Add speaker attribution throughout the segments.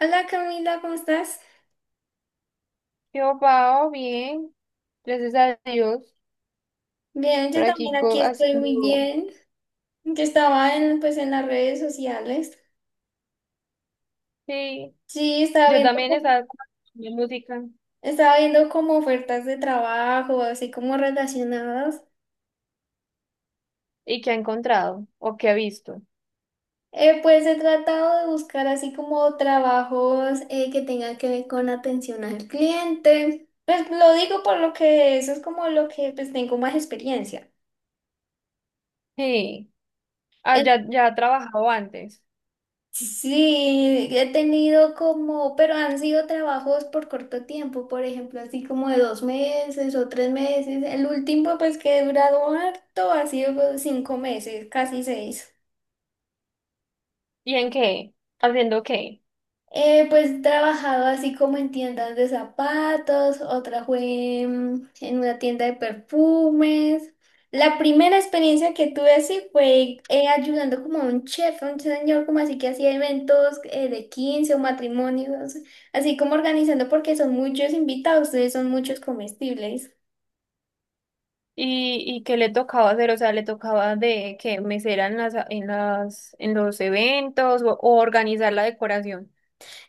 Speaker 1: Hola Camila, ¿cómo estás?
Speaker 2: Yo, Pao, bien, gracias a Dios,
Speaker 1: Bien,
Speaker 2: por
Speaker 1: yo también
Speaker 2: aquí
Speaker 1: aquí estoy muy
Speaker 2: haciendo.
Speaker 1: bien. Yo estaba en, pues, en las redes sociales.
Speaker 2: Sí,
Speaker 1: Sí,
Speaker 2: yo también estaba con mi música.
Speaker 1: estaba viendo como ofertas de trabajo, así como relacionadas.
Speaker 2: ¿Y qué ha encontrado? ¿O qué ha visto?
Speaker 1: Pues he tratado de buscar así como trabajos que tengan que ver con atención al cliente. Pues lo digo por lo que eso es como lo que pues tengo más experiencia.
Speaker 2: Sí, ah, ya ha trabajado antes.
Speaker 1: Sí, he tenido como, pero han sido trabajos por corto tiempo, por ejemplo, así como de 2 meses o 3 meses. El último, pues que he durado harto, ha sido 5 meses, casi seis.
Speaker 2: ¿Y en qué? ¿Haciendo qué?
Speaker 1: Pues he trabajado así como en tiendas de zapatos, otra fue en una tienda de perfumes. La primera experiencia que tuve así fue ayudando como a un chef, a un señor como así que hacía eventos de 15 o matrimonios, así como organizando porque son muchos invitados, ustedes son muchos comestibles.
Speaker 2: ¿Y qué le tocaba hacer? O sea, ¿le tocaba de que mesera en los eventos o organizar la decoración?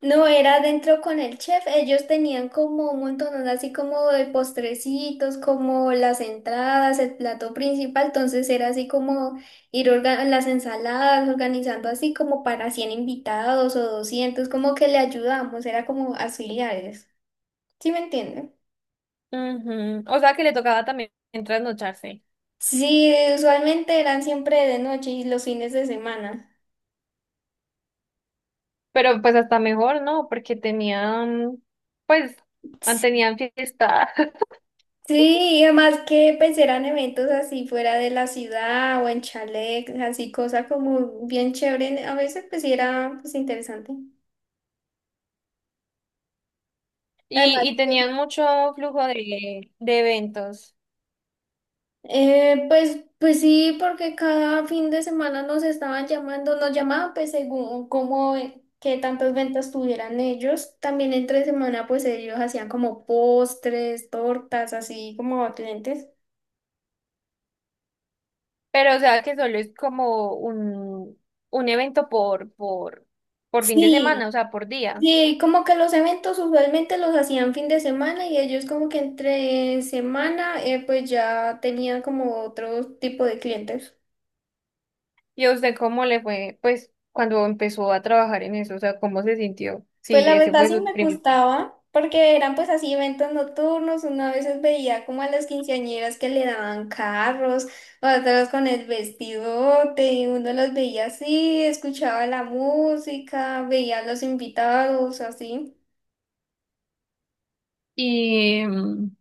Speaker 1: No, era adentro con el chef. Ellos tenían como un montón, así como de postrecitos, como las entradas, el plato principal. Entonces era así como las ensaladas, organizando así como para 100 invitados o 200 como que le ayudamos, era como auxiliares. ¿Sí me entienden?
Speaker 2: Ujú, o sea, que le tocaba también trasnocharse.
Speaker 1: Sí, usualmente eran siempre de noche y los fines de semana.
Speaker 2: Pero pues hasta mejor, ¿no? Porque pues, ah, tenían fiesta
Speaker 1: Sí, y además que pues eran eventos así fuera de la ciudad o en chalet, así cosa como bien chévere, a veces pues sí era pues interesante.
Speaker 2: y,
Speaker 1: Además,
Speaker 2: y tenían mucho flujo de eventos.
Speaker 1: pues sí, porque cada fin de semana nos estaban llamando, nos llamaban pues según cómo, qué tantas ventas tuvieran ellos. También entre semana pues ellos hacían como postres, tortas, así como a clientes.
Speaker 2: Pero o sea que solo es como un evento por fin de semana,
Speaker 1: Sí.
Speaker 2: o sea, por día.
Speaker 1: Sí, como que los eventos usualmente los hacían fin de semana y ellos como que entre semana pues ya tenían como otro tipo de clientes.
Speaker 2: ¿Y a usted cómo le fue, pues, cuando empezó a trabajar en eso? O sea, ¿cómo se sintió?
Speaker 1: Pues
Speaker 2: Sí,
Speaker 1: la
Speaker 2: ese
Speaker 1: verdad
Speaker 2: fue
Speaker 1: sí
Speaker 2: su
Speaker 1: me
Speaker 2: primer.
Speaker 1: gustaba porque eran pues así eventos nocturnos, una veces veía como a las quinceañeras que le daban carros, otras con el vestidote y uno los veía así, escuchaba la música, veía a los invitados así.
Speaker 2: Y mm,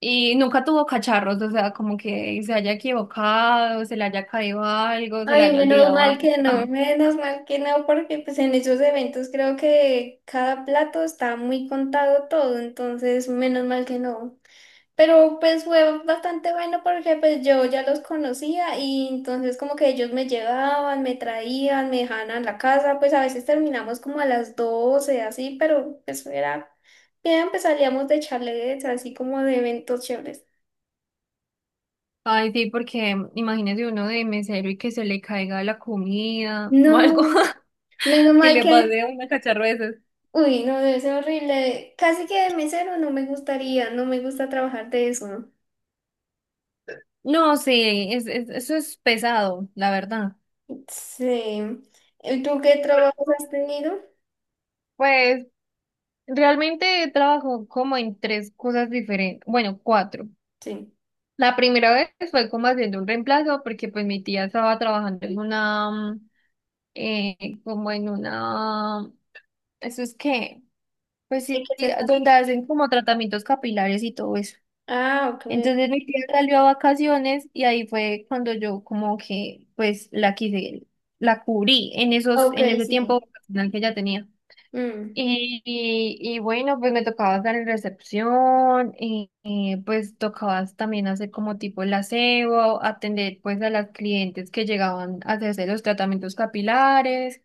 Speaker 2: Y nunca tuvo cacharros, o sea, como que se haya equivocado, se le haya caído algo, se le
Speaker 1: Ay,
Speaker 2: haya
Speaker 1: menos
Speaker 2: olvidado
Speaker 1: mal
Speaker 2: algo.
Speaker 1: que no, menos mal que no, porque pues en esos eventos creo que cada plato está muy contado todo, entonces menos mal que no. Pero pues fue bastante bueno porque pues yo ya los conocía y entonces como que ellos me llevaban, me traían, me dejaban a la casa, pues a veces terminamos como a las 12 así, pero pues era bien, pues salíamos de charletes, así como de eventos chéveres.
Speaker 2: Ay, sí, porque imagínese uno de mesero y que se le caiga la comida o algo
Speaker 1: No, menos
Speaker 2: que
Speaker 1: mal
Speaker 2: le
Speaker 1: que
Speaker 2: pase a una cacharro de esos.
Speaker 1: uy, no, debe ser horrible. Casi que de mesero no me gustaría, no me gusta trabajar de eso. ¿No?
Speaker 2: No, sí, eso es pesado, la verdad.
Speaker 1: Sí. ¿Y tú qué trabajos has tenido?
Speaker 2: Pues realmente trabajo como en tres cosas diferentes, bueno, cuatro.
Speaker 1: Sí.
Speaker 2: La primera vez fue como haciendo un reemplazo porque pues mi tía estaba trabajando en una como en una, eso es que, pues sí,
Speaker 1: ¿De qué
Speaker 2: sí,
Speaker 1: se trata?
Speaker 2: donde hacen como tratamientos capilares y todo eso.
Speaker 1: Ah, ok.
Speaker 2: Entonces mi tía salió a vacaciones y ahí fue cuando yo como que pues la cubrí en
Speaker 1: Ok,
Speaker 2: en ese tiempo
Speaker 1: sí.
Speaker 2: vacacional que ya tenía.
Speaker 1: Mm,
Speaker 2: Y bueno, pues me tocaba estar en recepción, pues tocaba también hacer como tipo el aseo, atender pues a las clientes que llegaban a hacerse los tratamientos capilares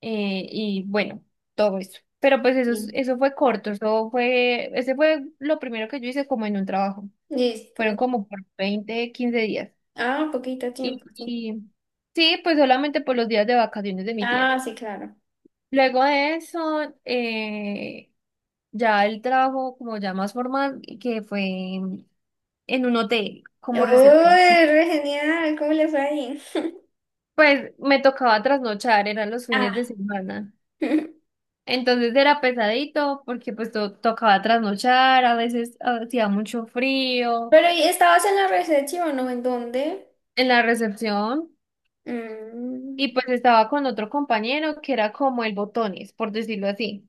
Speaker 2: y bueno, todo eso. Pero pues eso, es-
Speaker 1: sí.
Speaker 2: eso fue corto, ese fue lo primero que yo hice como en un trabajo.
Speaker 1: Listo.
Speaker 2: Fueron como por 20 15 días.
Speaker 1: Ah, poquito tiempo,
Speaker 2: Y,
Speaker 1: sí.
Speaker 2: y sí, pues solamente por los días de vacaciones de mi tía.
Speaker 1: Ah, sí, claro.
Speaker 2: Luego de eso, ya el trabajo como ya más formal, que fue en un hotel como recepción.
Speaker 1: Uy, re genial, ¿cómo le fue ahí?
Speaker 2: Pues me tocaba trasnochar, eran los fines
Speaker 1: Ah.
Speaker 2: de semana.
Speaker 1: Pero
Speaker 2: Entonces era pesadito porque pues tocaba trasnochar, a veces hacía mucho frío
Speaker 1: ¿y estabas en la recepción, o no? ¿En dónde?
Speaker 2: en la recepción
Speaker 1: Mm.
Speaker 2: y pues estaba con otro compañero que era como el botones, por decirlo así.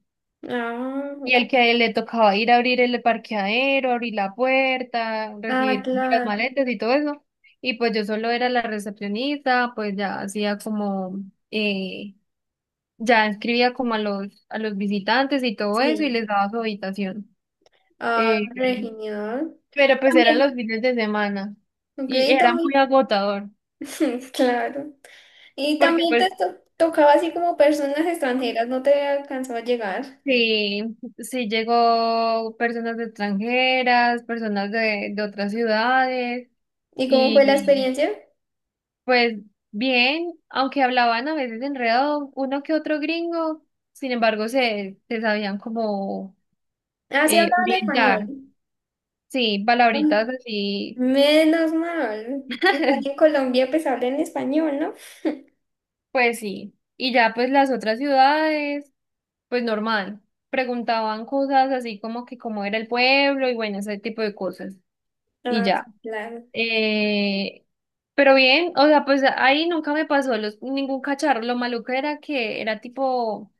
Speaker 1: Ah,
Speaker 2: Y
Speaker 1: ok.
Speaker 2: al que a él le tocaba ir a abrir el parqueadero, abrir la puerta,
Speaker 1: Ah,
Speaker 2: recibir las
Speaker 1: claro.
Speaker 2: maletas y todo eso. Y pues yo solo era la recepcionista, pues ya hacía como, eh, ya escribía como a a los visitantes y todo eso y
Speaker 1: Sí.
Speaker 2: les daba su habitación.
Speaker 1: Ah,
Speaker 2: Eh,
Speaker 1: re genial.
Speaker 2: Pero pues eran los
Speaker 1: También.
Speaker 2: fines de semana
Speaker 1: Ok,
Speaker 2: y era muy
Speaker 1: también.
Speaker 2: agotador,
Speaker 1: Claro. Y
Speaker 2: porque
Speaker 1: también
Speaker 2: pues
Speaker 1: tocaba así como personas extranjeras, no te alcanzó a llegar.
Speaker 2: sí, sí llegó personas extranjeras, personas de otras ciudades
Speaker 1: ¿Y cómo fue la
Speaker 2: y
Speaker 1: experiencia?
Speaker 2: pues bien, aunque hablaban a veces enredado uno que otro gringo, sin embargo se sabían como
Speaker 1: Ah, sí, hablaban español.
Speaker 2: orientar, sí,
Speaker 1: Ah,
Speaker 2: palabritas así,
Speaker 1: menos mal. Igual en Colombia pues hablan español, ¿no?
Speaker 2: pues sí, y ya pues las otras ciudades. Pues normal. Preguntaban cosas así como que cómo era el pueblo y bueno, ese tipo de cosas. Y
Speaker 1: Ah, sí,
Speaker 2: ya.
Speaker 1: claro.
Speaker 2: Eh, pero bien, o sea, pues ahí nunca me pasó ningún cacharro. Lo maluco era que era tipo,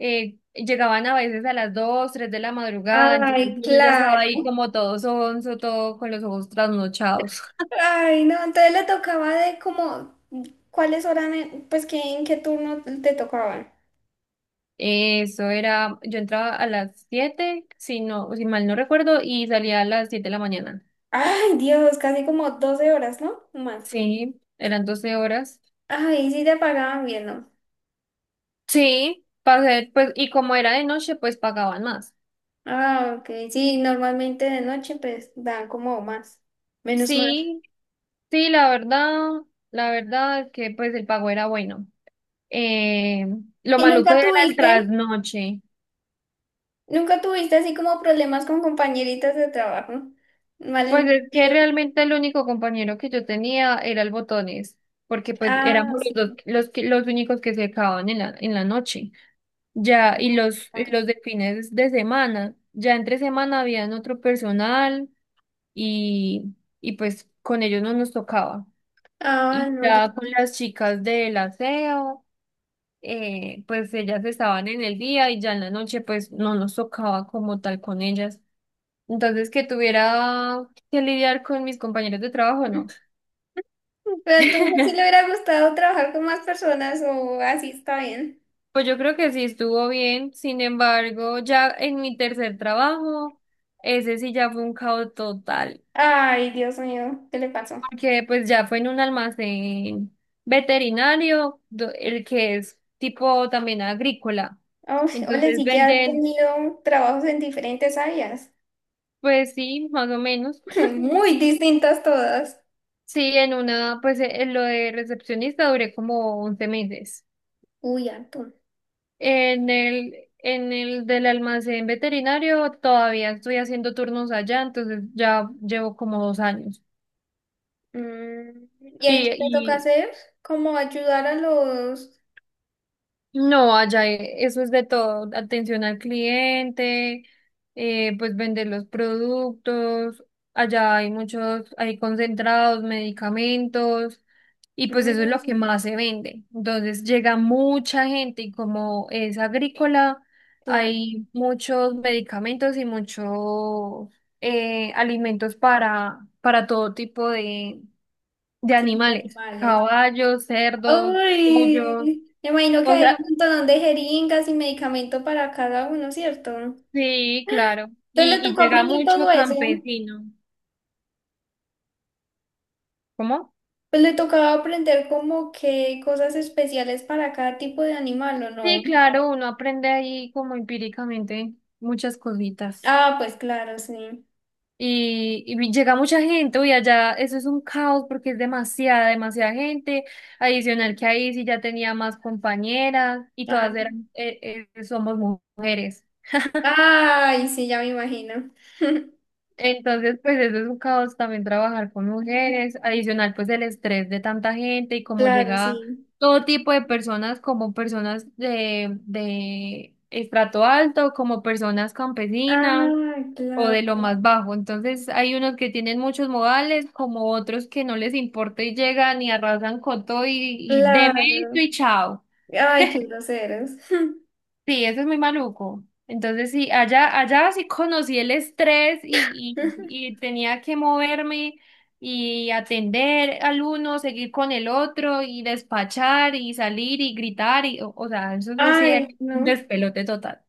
Speaker 2: llegaban a veces a las 2 3 de la madrugada, entonces
Speaker 1: Ay,
Speaker 2: uno ya estaba
Speaker 1: claro.
Speaker 2: ahí como todo sonso, todo con los ojos trasnochados.
Speaker 1: Ay, no, entonces le tocaba de como, ¿cuáles horas, pues que en qué turno te tocaban?
Speaker 2: Eso era, yo entraba a las 7 si mal no recuerdo, y salía a las 7 de la mañana.
Speaker 1: Ay, Dios, casi como 12 horas, ¿no? Más.
Speaker 2: Sí, eran 12 horas.
Speaker 1: Ay, sí te pagaban bien, ¿no?
Speaker 2: Sí, para hacer, pues, y como era de noche, pues pagaban más.
Speaker 1: Ah, ok. Sí, normalmente de noche pues dan como más, menos mal.
Speaker 2: Sí, sí, la verdad es que pues el pago era bueno. Eh, lo
Speaker 1: ¿Y
Speaker 2: maluco
Speaker 1: nunca
Speaker 2: era el
Speaker 1: tuviste,
Speaker 2: trasnoche.
Speaker 1: nunca tuviste así como problemas con compañeritas de trabajo?
Speaker 2: Pues es que
Speaker 1: Malentendido.
Speaker 2: realmente el único compañero que yo tenía era el botones, porque pues
Speaker 1: Ah,
Speaker 2: éramos los dos,
Speaker 1: sí,
Speaker 2: los únicos que se acababan en en la noche. Ya, y
Speaker 1: no, claro.
Speaker 2: los de fines de semana, ya entre semana habían otro personal y, y pues con ellos no nos tocaba.
Speaker 1: Ah,
Speaker 2: Y
Speaker 1: no,
Speaker 2: ya con
Speaker 1: listo.
Speaker 2: las chicas del aseo, pues ellas estaban en el día y ya en la noche pues no nos tocaba como tal con ellas. Entonces que tuviera que lidiar con mis compañeros de trabajo, no.
Speaker 1: Pero entonces sí le hubiera gustado trabajar con más personas o así está bien.
Speaker 2: Pues yo creo que sí estuvo bien, sin embargo, ya en mi tercer trabajo, ese sí ya fue un caos total,
Speaker 1: Ay, Dios mío, ¿qué le pasó?
Speaker 2: porque pues ya fue en un almacén veterinario, el que es tipo también agrícola.
Speaker 1: Uf, ole,
Speaker 2: Entonces
Speaker 1: sí que ha
Speaker 2: venden.
Speaker 1: tenido trabajos en diferentes áreas,
Speaker 2: Pues sí, más o menos.
Speaker 1: muy distintas todas.
Speaker 2: Sí, en una, pues en lo de recepcionista duré como 11 meses.
Speaker 1: Uy, harto.
Speaker 2: En el del almacén veterinario todavía estoy haciendo turnos allá, entonces ya llevo como 2 años.
Speaker 1: Mm. ¿Y ahí qué te toca
Speaker 2: Y,
Speaker 1: hacer? Como ayudar a los
Speaker 2: y no, allá eso es de todo, atención al cliente, pues vender los productos, allá hay muchos, hay concentrados, medicamentos. Y pues eso es lo que
Speaker 1: mm,
Speaker 2: más se vende. Entonces llega mucha gente y como es agrícola,
Speaker 1: plantas
Speaker 2: hay muchos medicamentos y muchos alimentos para todo tipo de
Speaker 1: y
Speaker 2: animales,
Speaker 1: animales.
Speaker 2: caballos, cerdos, pollos.
Speaker 1: Uy, me imagino que
Speaker 2: O
Speaker 1: hay
Speaker 2: sea,
Speaker 1: un montón de jeringas y medicamento para cada uno, ¿cierto?
Speaker 2: sí, claro. Y,
Speaker 1: Entonces le
Speaker 2: y
Speaker 1: tocó
Speaker 2: llega
Speaker 1: aprender
Speaker 2: mucho
Speaker 1: todo eso.
Speaker 2: campesino. ¿Cómo?
Speaker 1: Pues le tocaba aprender como que cosas especiales para cada tipo de animal, ¿o
Speaker 2: Sí,
Speaker 1: no?
Speaker 2: claro, uno aprende ahí como empíricamente muchas cositas.
Speaker 1: Ah, pues claro, sí.
Speaker 2: Y llega mucha gente, uy, allá eso es un caos porque es demasiada, demasiada gente. Adicional que ahí sí ya tenía más compañeras y todas
Speaker 1: Ay,
Speaker 2: somos mujeres.
Speaker 1: ay, sí, ya me imagino.
Speaker 2: Entonces, pues eso es un caos también trabajar con mujeres. Adicional, pues el estrés de tanta gente y cómo
Speaker 1: Claro,
Speaker 2: llega
Speaker 1: sí.
Speaker 2: todo tipo de personas, como personas de estrato alto, como personas campesinas.
Speaker 1: Ah,
Speaker 2: O
Speaker 1: claro.
Speaker 2: de lo más bajo. Entonces hay unos que tienen muchos modales, como otros que no les importa y llegan y arrasan con todo y deme
Speaker 1: Claro.
Speaker 2: esto y chao.
Speaker 1: Ay, qué groseros.
Speaker 2: Sí, eso es muy maluco. Entonces sí, allá sí conocí el estrés y tenía que moverme y atender al uno, seguir con el otro y despachar y salir y gritar o sea, eso sí sí, era
Speaker 1: Ay,
Speaker 2: un
Speaker 1: no.
Speaker 2: despelote total.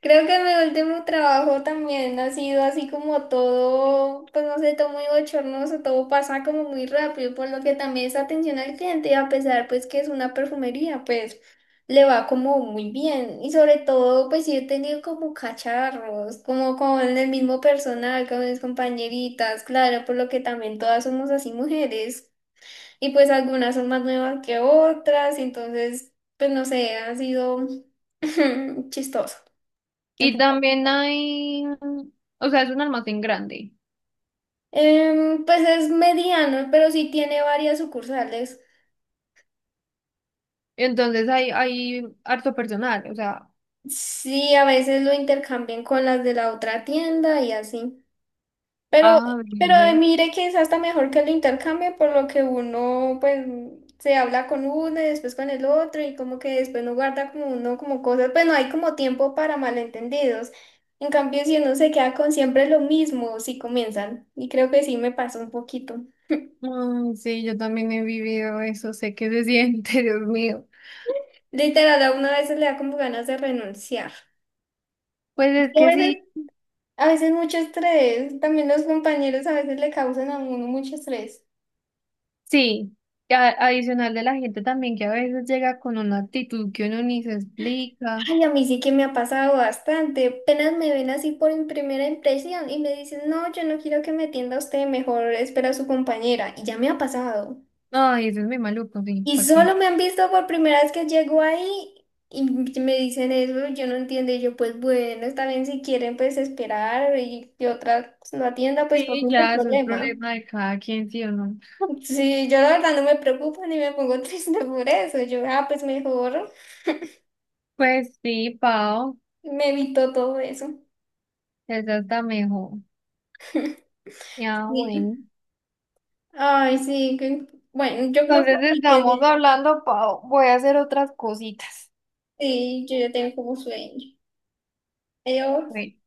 Speaker 1: Creo que mi último trabajo también ha sido así como todo, pues no sé, todo muy bochornoso, todo pasa como muy rápido, por lo que también esa atención al cliente, a pesar pues que es una perfumería, pues le va como muy bien. Y sobre todo, pues sí he tenido como cacharros, como con el mismo personal, con mis compañeritas, claro, por lo que también todas somos así mujeres. Y pues algunas son más nuevas que otras, entonces, pues no sé, ha sido chistoso.
Speaker 2: Y
Speaker 1: Ajá.
Speaker 2: también hay, o sea, es un almacén grande.
Speaker 1: Pues es mediano, pero sí tiene varias sucursales.
Speaker 2: Entonces hay harto personal, o sea.
Speaker 1: Sí, a veces lo intercambian con las de la otra tienda y así. Pero,
Speaker 2: Ah, bien,
Speaker 1: pero
Speaker 2: ve.
Speaker 1: mire que es hasta mejor que el intercambio, por lo que uno pues se habla con uno y después con el otro y como que después no guarda como uno como cosas, pues no hay como tiempo para malentendidos. En cambio, si uno se queda con siempre lo mismo, si comienzan, y creo que sí me pasó un poquito.
Speaker 2: Mm, sí, yo también he vivido eso, sé que se siente. Dios mío.
Speaker 1: Literal, a uno a veces le da como ganas de renunciar.
Speaker 2: Pues
Speaker 1: Es
Speaker 2: es
Speaker 1: que
Speaker 2: que sí,
Speaker 1: a veces mucho estrés, también los compañeros a veces le causan a uno mucho estrés.
Speaker 2: sí, adicional de la gente también que a veces llega con una actitud que uno ni se explica.
Speaker 1: Ay, a mí sí que me ha pasado bastante. Apenas me ven así por mi primera impresión y me dicen, no, yo no quiero que me atienda usted, mejor espera a su compañera. Y ya me ha pasado.
Speaker 2: Ay, eso es muy maluco, sí,
Speaker 1: Y
Speaker 2: ¿para qué?
Speaker 1: solo me han visto por primera vez que llego ahí y me dicen eso, yo no entiendo. Y yo, pues bueno, está bien si quieren, pues esperar y que otra pues, no atienda, pues por
Speaker 2: Sí,
Speaker 1: mí no hay
Speaker 2: ya, eso es
Speaker 1: problema.
Speaker 2: problema de cada quien, sí o no.
Speaker 1: Sí, yo la verdad no me preocupo ni me pongo triste por eso. Yo, ah, pues mejor
Speaker 2: Pues sí, Pau,
Speaker 1: me evito todo eso.
Speaker 2: esa está mejor. Ya,
Speaker 1: Sí.
Speaker 2: bueno.
Speaker 1: Ay, sí, que- bueno, yo creo que
Speaker 2: Entonces
Speaker 1: aquí
Speaker 2: estamos
Speaker 1: quedé,
Speaker 2: hablando, Pau, voy a hacer otras cositas.
Speaker 1: sí, yo ya tengo como sueño. Adiós.
Speaker 2: Bueno.